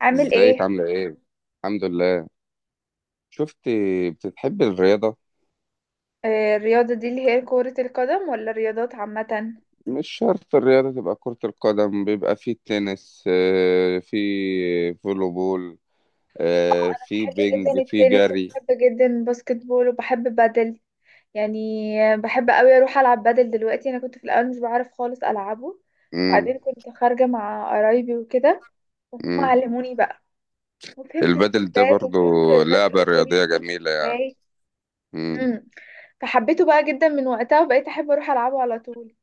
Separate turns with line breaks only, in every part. عامل
ازيك
ايه؟
عاملة ايه؟ الحمد لله. شفت؟ بتحبي الرياضة؟
الرياضة دي اللي هي كرة القدم ولا الرياضات عامة؟
مش شرط الرياضة تبقى كرة القدم، بيبقى في تنس، في فولو بول، في
بحب جدا
بينج، في
التنس
جري.
وبحب جدا الباسكت بول وبحب بادل. يعني بحب قوي اروح العب بادل دلوقتي. انا كنت في الاول مش بعرف خالص العبه،
مم.
بعدين كنت خارجة مع قرايبي وكده وهم
مم.
علموني بقى، وفهمت
البادل ده
السيرفات
برضو
وفهمت الناس
لعبة
الدنيا
رياضية
بتمشي
جميلة يعني.
ازاي.
مم.
امم فحبيته بقى جدا من وقتها وبقيت احب اروح العبه على طول.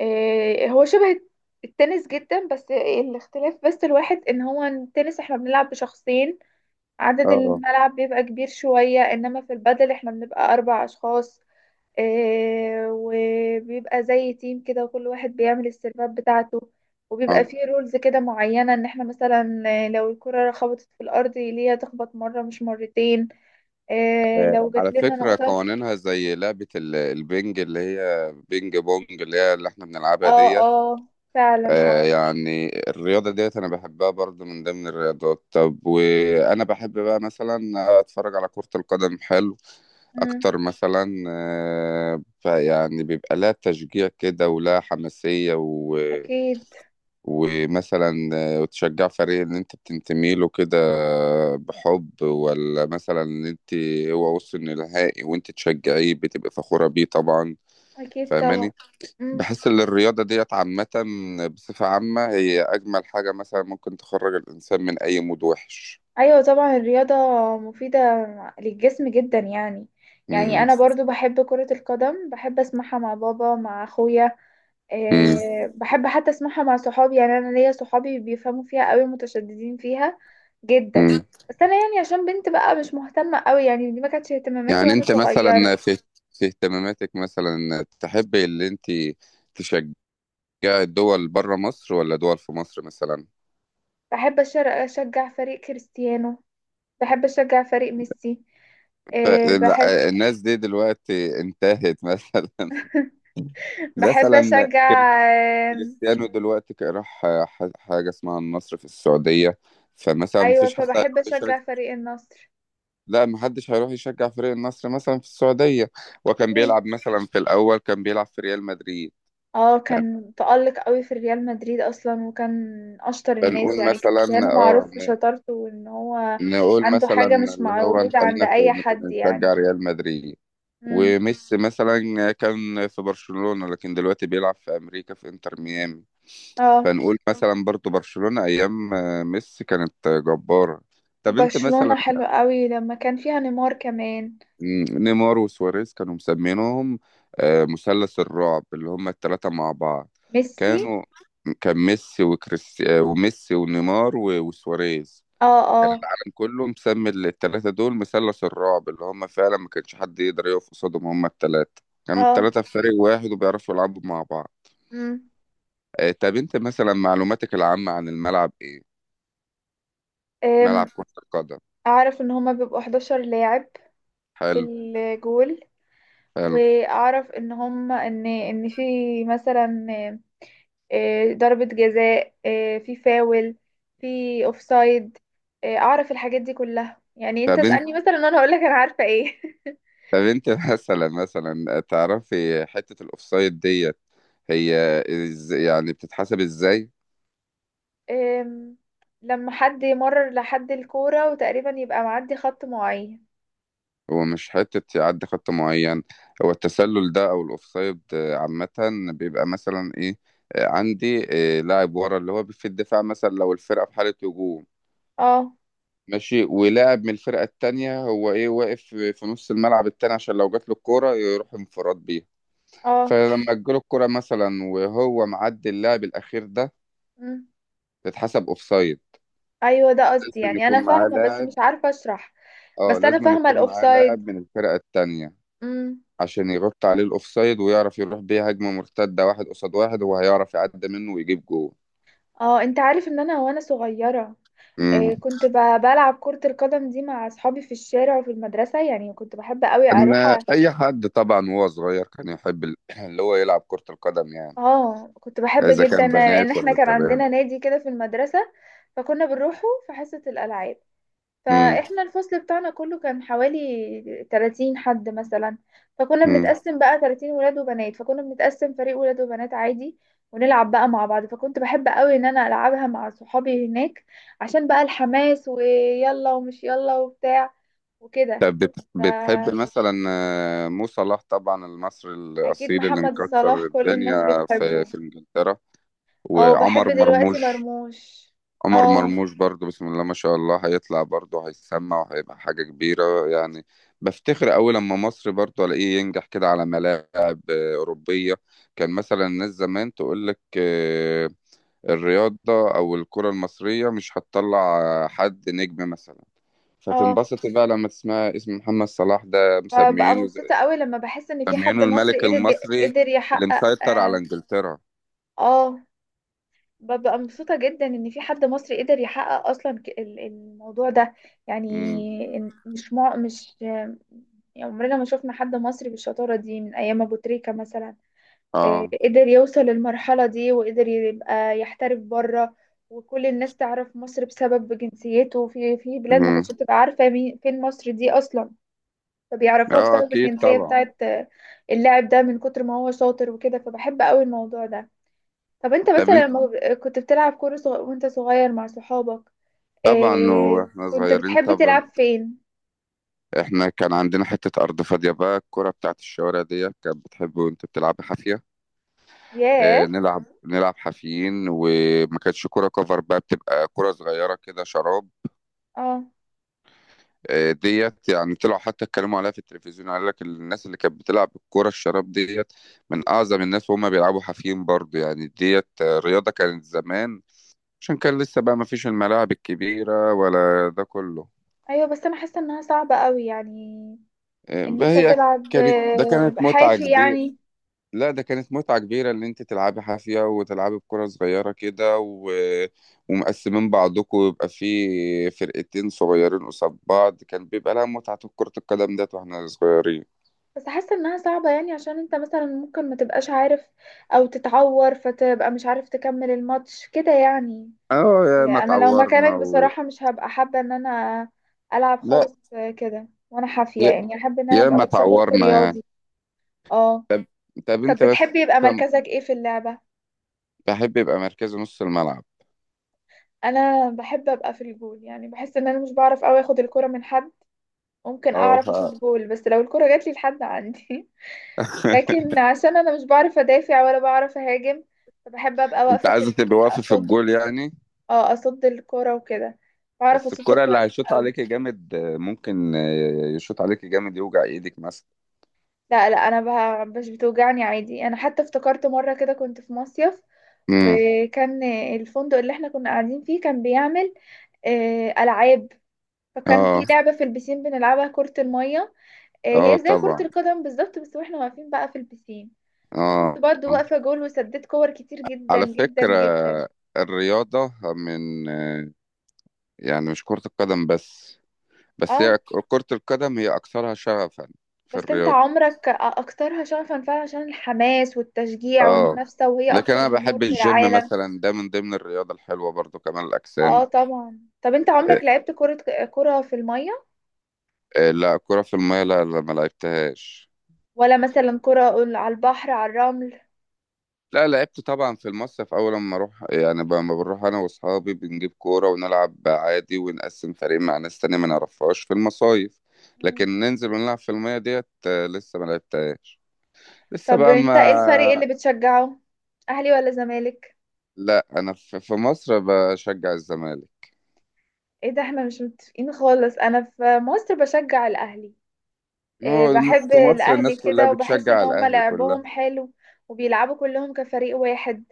هو شبه التنس جدا، بس الاختلاف بس الواحد ان هو التنس احنا بنلعب بشخصين، عدد
اه،
الملعب بيبقى كبير شوية، انما في البادل احنا بنبقى اربع اشخاص. وبيبقى زي تيم كده وكل واحد بيعمل السيرفات بتاعته، وبيبقى
اه.
فيه رولز كده معينة، ان احنا مثلا لو الكرة خبطت في الارض ليها تخبط مرة مش مرتين. لو جات
على
لنا
فكرة
نقطة.
قوانينها زي لعبة البينج، اللي هي بينج بونج، اللي هي اللي احنا بنلعبها
اه
دي.
اه، فعلا اه.
يعني الرياضة ديت أنا بحبها برضو من ضمن الرياضات. طب وأنا بحب بقى مثلا أتفرج على كرة القدم. حلو
مم،
أكتر مثلا، فيعني بيبقى لها تشجيع كده ولها حماسية. و...
اكيد.
ومثلا، وتشجع فريق اللي أنت بتنتمي له كده. بحب ولا مثلا إن أنت هو وصل نهائي وأنت تشجعيه بتبقى فخورة بيه طبعا.
أكيد طبعا.
فاهماني؟
مم.
بحس ان الرياضه ديت عامه، بصفه عامه هي اجمل حاجه مثلا ممكن تخرج الانسان من اي مود وحش.
أيوة طبعا، الرياضة مفيدة للجسم جدا يعني. يعني
امم.
أنا برضو بحب كرة القدم، بحب أسمعها مع بابا مع أخويا.
امم.
أه بحب حتى أسمعها مع صحابي، يعني أنا ليا صحابي بيفهموا فيها قوي، متشددين فيها جدا.
امم.
بس أنا يعني عشان بنت بقى مش مهتمة قوي، يعني دي ما كانتش اهتماماتي
يعني
وأنا
انت مثلا
صغيرة.
في اهتماماتك مثلا تحبي اللي انت تشجعي الدول بره مصر ولا دول في مصر مثلا؟
بحب أشجع فريق كريستيانو، بحب أشجع فريق ميسي. أه بحب،
لا، الناس دي دلوقتي انتهت مثلا.
بحب
مثلا
أشجع.
كريستيانو دلوقتي راح حاجه اسمها النصر في السعوديه. فمثلا
ايوه،
مفيش حد.
فبحب اشجع فريق النصر.
لا، محدش هيروح يشجع فريق النصر مثلا في السعودية. وكان
ليه؟
بيلعب مثلا، في الأول كان بيلعب في ريال مدريد
اه،
يعني.
كان تألق قوي في ريال مدريد اصلا، وكان اشطر الناس
بنقول
يعني.
مثلا.
كريستيانو
اه،
معروف بشطارته، وان هو
نقول
عنده
مثلا
حاجة مش
اللي هو
موجودة عند
نخلينا في
اي
نكون
حد يعني.
نشجع ريال مدريد.
امم.
وميسي مثلا كان في برشلونة، لكن دلوقتي بيلعب في أمريكا في إنتر ميامي.
اه،
فنقول مثلا برضو برشلونة أيام ميسي كانت جبارة. طب أنت مثلا.
وبرشلونة حلو قوي لما كان فيها نيمار كمان.
مم، نيمار وسواريز كانوا مسمينهم مثلث الرعب، اللي هم الثلاثة مع بعض.
ميسي.
كانوا، كان ميسي وكريس، وميسي ونيمار وسواريز.
اه اه
العالم كله مسمي الثلاثة دول مثلث الرعب، اللي هم فعلا ما كانش حد يقدر يقف قصادهم. هم الثلاثة كانوا
اه.
الثلاثة في فريق واحد وبيعرفوا يلعبوا مع بعض.
امم.
طب انت مثلا معلوماتك العامة عن الملعب ايه؟ ملعب
أم،
كرة القدم.
اعرف ان هما بيبقوا 11 لاعب في
حلو.
الجول.
حلو.
واعرف ان هما ان ان في مثلا ضربة جزاء، في فاول، في اوفسايد. اعرف الحاجات دي كلها يعني. انت
طب انت
اسألني مثلا، انا هقولك انا عارفة ايه.
طب انت مثلا تعرفي حتة الاوفسايد دي هي، يعني بتتحسب ازاي؟
آم، لما حد يمرر لحد الكورة وتقريبا يبقى معدي خط معين.
هو مش حتة يعدي خط معين. هو التسلل ده او الاوفسايد عامة، بيبقى مثلا ايه، عندي لاعب ورا اللي هو في الدفاع مثلا، لو الفرقة في حالة هجوم،
اه
ماشي، ولاعب من الفرقة التانية هو ايه واقف في نص الملعب التاني عشان لو جات له الكورة يروح انفراد بيها.
اه.
فلما تجيله الكورة مثلا وهو معدي اللاعب الأخير ده،
مم.
تتحسب اوفسايد.
ايوه ده قصدي،
لازم
يعني انا
يكون معاه
فاهمة بس
لاعب.
مش عارفة اشرح.
اه،
بس انا
لازم
فاهمة
يكون معاه لاعب
الاوفسايد.
من الفرقة التانية
امم.
عشان يرد عليه الأوفسايد ويعرف يروح بيه هجمة مرتدة، واحد قصاد واحد، هو هيعرف يعدي منه ويجيب جول.
اه، انت عارف ان انا وانا صغيرة
مم.
آه، كنت ب- بلعب كرة القدم دي مع اصحابي في الشارع وفي المدرسة، يعني كنت بحب قوي
إن
اروح.
أي حد طبعا وهو صغير كان يحب اللي هو يلعب كرة القدم يعني،
اه، كنت بحب
إذا
جدا،
كان
لان
بنات
احنا
ولا
كان
شباب.
عندنا نادي كده في المدرسة، فكنا بنروحه في حصة الالعاب.
مم.
فاحنا الفصل بتاعنا كله كان حوالي 30 حد مثلا، فكنا
مم.
بنتقسم بقى 30 ولاد وبنات، فكنا بنتقسم فريق ولاد وبنات عادي، ونلعب بقى مع بعض. فكنت بحب قوي ان انا العبها مع صحابي هناك، عشان بقى الحماس ويلا ومش يلا وبتاع وكده.
طب بتحب
فاكيد
مثلا، مو صلاح طبعا المصري الأصيل اللي
محمد صلاح
مكسر
كل الناس
الدنيا في
بتحبه.
في إنجلترا.
اه بحب
وعمر
دلوقتي
مرموش.
مرموش.
عمر
اه.
مرموش برضو بسم الله ما شاء الله هيطلع برضو هيسمع وهيبقى حاجة كبيرة يعني. بفتخر أوي لما مصر برضو ألاقيه ينجح كده على ملاعب أوروبية. كان مثلا الناس زمان تقول لك، الرياضة أو الكرة المصرية مش هتطلع حد نجم مثلا.
اه،
فتنبسط بقى لما تسمع اسم محمد صلاح ده
ببقى
مسميينه
مبسوطة قوي لما بحس ان في حد
مسميينه الملك
مصري قدر،
المصري
قدر
اللي
يحقق
مسيطر على
اه.
إنجلترا.
آه، ببقى مبسوطة جدا ان في حد مصري قدر يحقق اصلا الموضوع ده
امم.
يعني. مش مع مش يعني عمرنا ما شفنا حد مصري بالشطارة دي من ايام ابو تريكة مثلا.
اه.
قدر يوصل للمرحلة دي، وقدر يبقى يحترف بره، وكل الناس تعرف مصر بسبب جنسيته. في في بلاد ما
امم.
كانتش بتبقى عارفة مين فين مصر دي اصلا، فبيعرفوها
اه،
بسبب
اكيد
الجنسية
طبعا.
بتاعت اللاعب ده، من كتر ما هو شاطر وكده. فبحب قوي الموضوع ده. طب انت
طب،
مثلا لما كنت بتلعب كورة صغ... وانت صغير مع صحابك،
طبعا
اه
واحنا
كنت
صغيرين
بتحب
طبعا.
تلعب فين؟
احنا كان عندنا حتة أرض فاضية، بقى الكرة بتاعت الشوارع دي كانت بتحب وانت بتلعب حافية. اه،
ياه.
نلعب حافيين، وما كانتش كرة كفر، بقى بتبقى كرة صغيرة كده شراب.
اه
اه، ديت يعني طلعوا حتى اتكلموا عليها في التلفزيون، قال لك الناس اللي كانت بتلعب الكرة الشراب ديت من أعظم الناس وهم بيلعبوا حافيين برضو يعني. ديت رياضة كانت زمان، عشان كان لسه بقى ما فيش الملاعب الكبيرة ولا ده كله.
ايوه، بس انا حاسة انها صعبة قوي يعني، ان انت
فهي
تلعب
كانت، ده كانت متعة
حافي
كبيرة.
يعني.
لا، ده كانت متعة كبيرة، اللي انت تلعبي حافية وتلعبي بكرة صغيرة كده. ومقسمين بعضكم ويبقى في فرقتين صغيرين قصاد بعض، كان بيبقى لها متعة كرة القدم ديت واحنا صغيرين.
بس حاسة انها صعبة يعني، عشان انت مثلا ممكن ما تبقاش عارف، او تتعور فتبقى مش عارف تكمل الماتش كده يعني.
اه، يا ما
انا لو
اتعورنا
مكانك بصراحة مش هبقى حابة ان انا العب
لا.
خالص كده وانا حافية،
يا...
يعني احب ان انا
يا
ابقى
ما
لابسة كوست
اتعورنا يعني.
رياضي. اه.
طب طب
طب
انت بس،
بتحبي يبقى مركزك ايه في اللعبة؟
بحب يبقى مركز نص الملعب.
انا بحب ابقى في الجول، يعني بحس ان انا مش بعرف اوي اخد الكرة من حد، ممكن
اه.
اعرف اشوط جول بس لو الكرة جات لي لحد عندي. لكن عشان انا مش بعرف ادافع ولا بعرف اهاجم، فبحب ابقى
انت
واقفة في
عايزة تبقى
الجول
واقفة في
اصد.
الجول يعني؟
اه، اصد الكرة وكده، بعرف
بس
اصد
الكرة اللي
كويس.
هيشوط
أوي.
عليك جامد ممكن يشوط عليك جامد يوجع ايدك مثلا.
لا لا، انا بها مش بتوجعني عادي. انا حتى افتكرت مره كده كنت في مصيف، وكان الفندق اللي احنا كنا قاعدين فيه كان بيعمل العاب. فكان في
اه.
لعبه في البسين بنلعبها كره الميه،
اه
هي زي كره
طبعا.
القدم بالظبط بس واحنا واقفين بقى في البسين. فكنت
اه.
برضو
آه.
واقفه جول وسددت كور كتير جدا
على
جدا
فكرة
جدا.
الرياضة من، يعني مش كرة القدم بس، بس هي
اه.
كرة القدم هي أكثرها شغفا في
بس انت
الرياضة.
عمرك اكترها شغفا فعلا عشان الحماس والتشجيع
اه،
والمنافسه، وهي
لكن
اكتر
أنا
جمهور
بحب
في
الجيم
العالم.
مثلا، ده من ضمن الرياضة الحلوة برضو، كمال
اه
الأجسام.
طبعا. طب انت
إيه.
عمرك لعبت كرة، كرة في المية؟
إيه، لا، كرة في المية لا، لا، ما لعبتهاش.
ولا مثلا كرة على البحر على الرمل؟
لا، لعبت طبعا في المصيف اول لما اروح يعني، لما بنروح انا واصحابي بنجيب كوره ونلعب عادي ونقسم فريق مع ناس تانية ما نعرفهاش في المصايف.
مم.
لكن ننزل ونلعب في الميه ديت لسه ما لعبتهاش. لسه
طب
بقى
انت
ما.
ايه الفريق اللي بتشجعه؟ اهلي ولا زمالك؟
لا، انا في مصر بشجع الزمالك.
ايه ده، احنا مش متفقين خالص، انا في مصر بشجع الاهلي.
ما
إيه،
هو
بحب
في مصر
الاهلي
الناس كلها
كده، وبحس
بتشجع
ان هم
الاهلي كلها.
لعبهم حلو، وبيلعبوا كلهم كفريق واحد.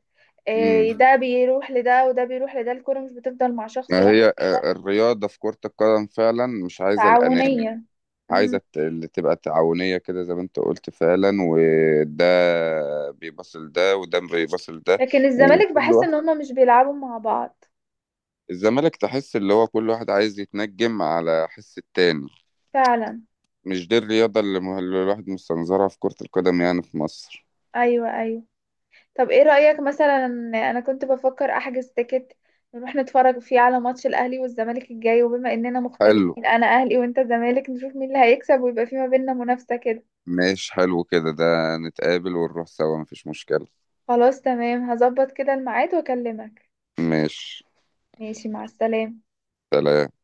امم.
إيه ده، بيروح لده وده بيروح لده، الكرة مش بتفضل مع شخص
ما هي،
واحد.
الرياضه في كره القدم فعلا مش عايزه الاناني.
تعاونية.
عايزة
مم.
اللي تبقى تعاونية كده، زي ما انت قلت فعلا، وده بيبص لده وده بيبص لده
لكن الزمالك
وكل
بحس
واحد.
ان هم مش بيلعبوا مع بعض.
الزمالك تحس اللي هو كل واحد عايز يتنجم على حس التاني.
فعلا.
مش دي الرياضة اللي اللي الواحد مستنظرها في كرة القدم يعني في مصر.
ايوه ايوه. طب ايه رأيك، مثلا انا كنت بفكر احجز تيكت نروح نتفرج فيه على ماتش الاهلي والزمالك الجاي، وبما اننا
حلو.
مختلفين انا اهلي وانت زمالك، نشوف مين اللي هيكسب ويبقى في ما بيننا منافسة كده.
ماشي، حلو كده، ده نتقابل ونروح سوا مفيش مشكلة.
خلاص تمام، هظبط كده الميعاد واكلمك.
ماشي.
ماشي، مع السلامة.
سلام.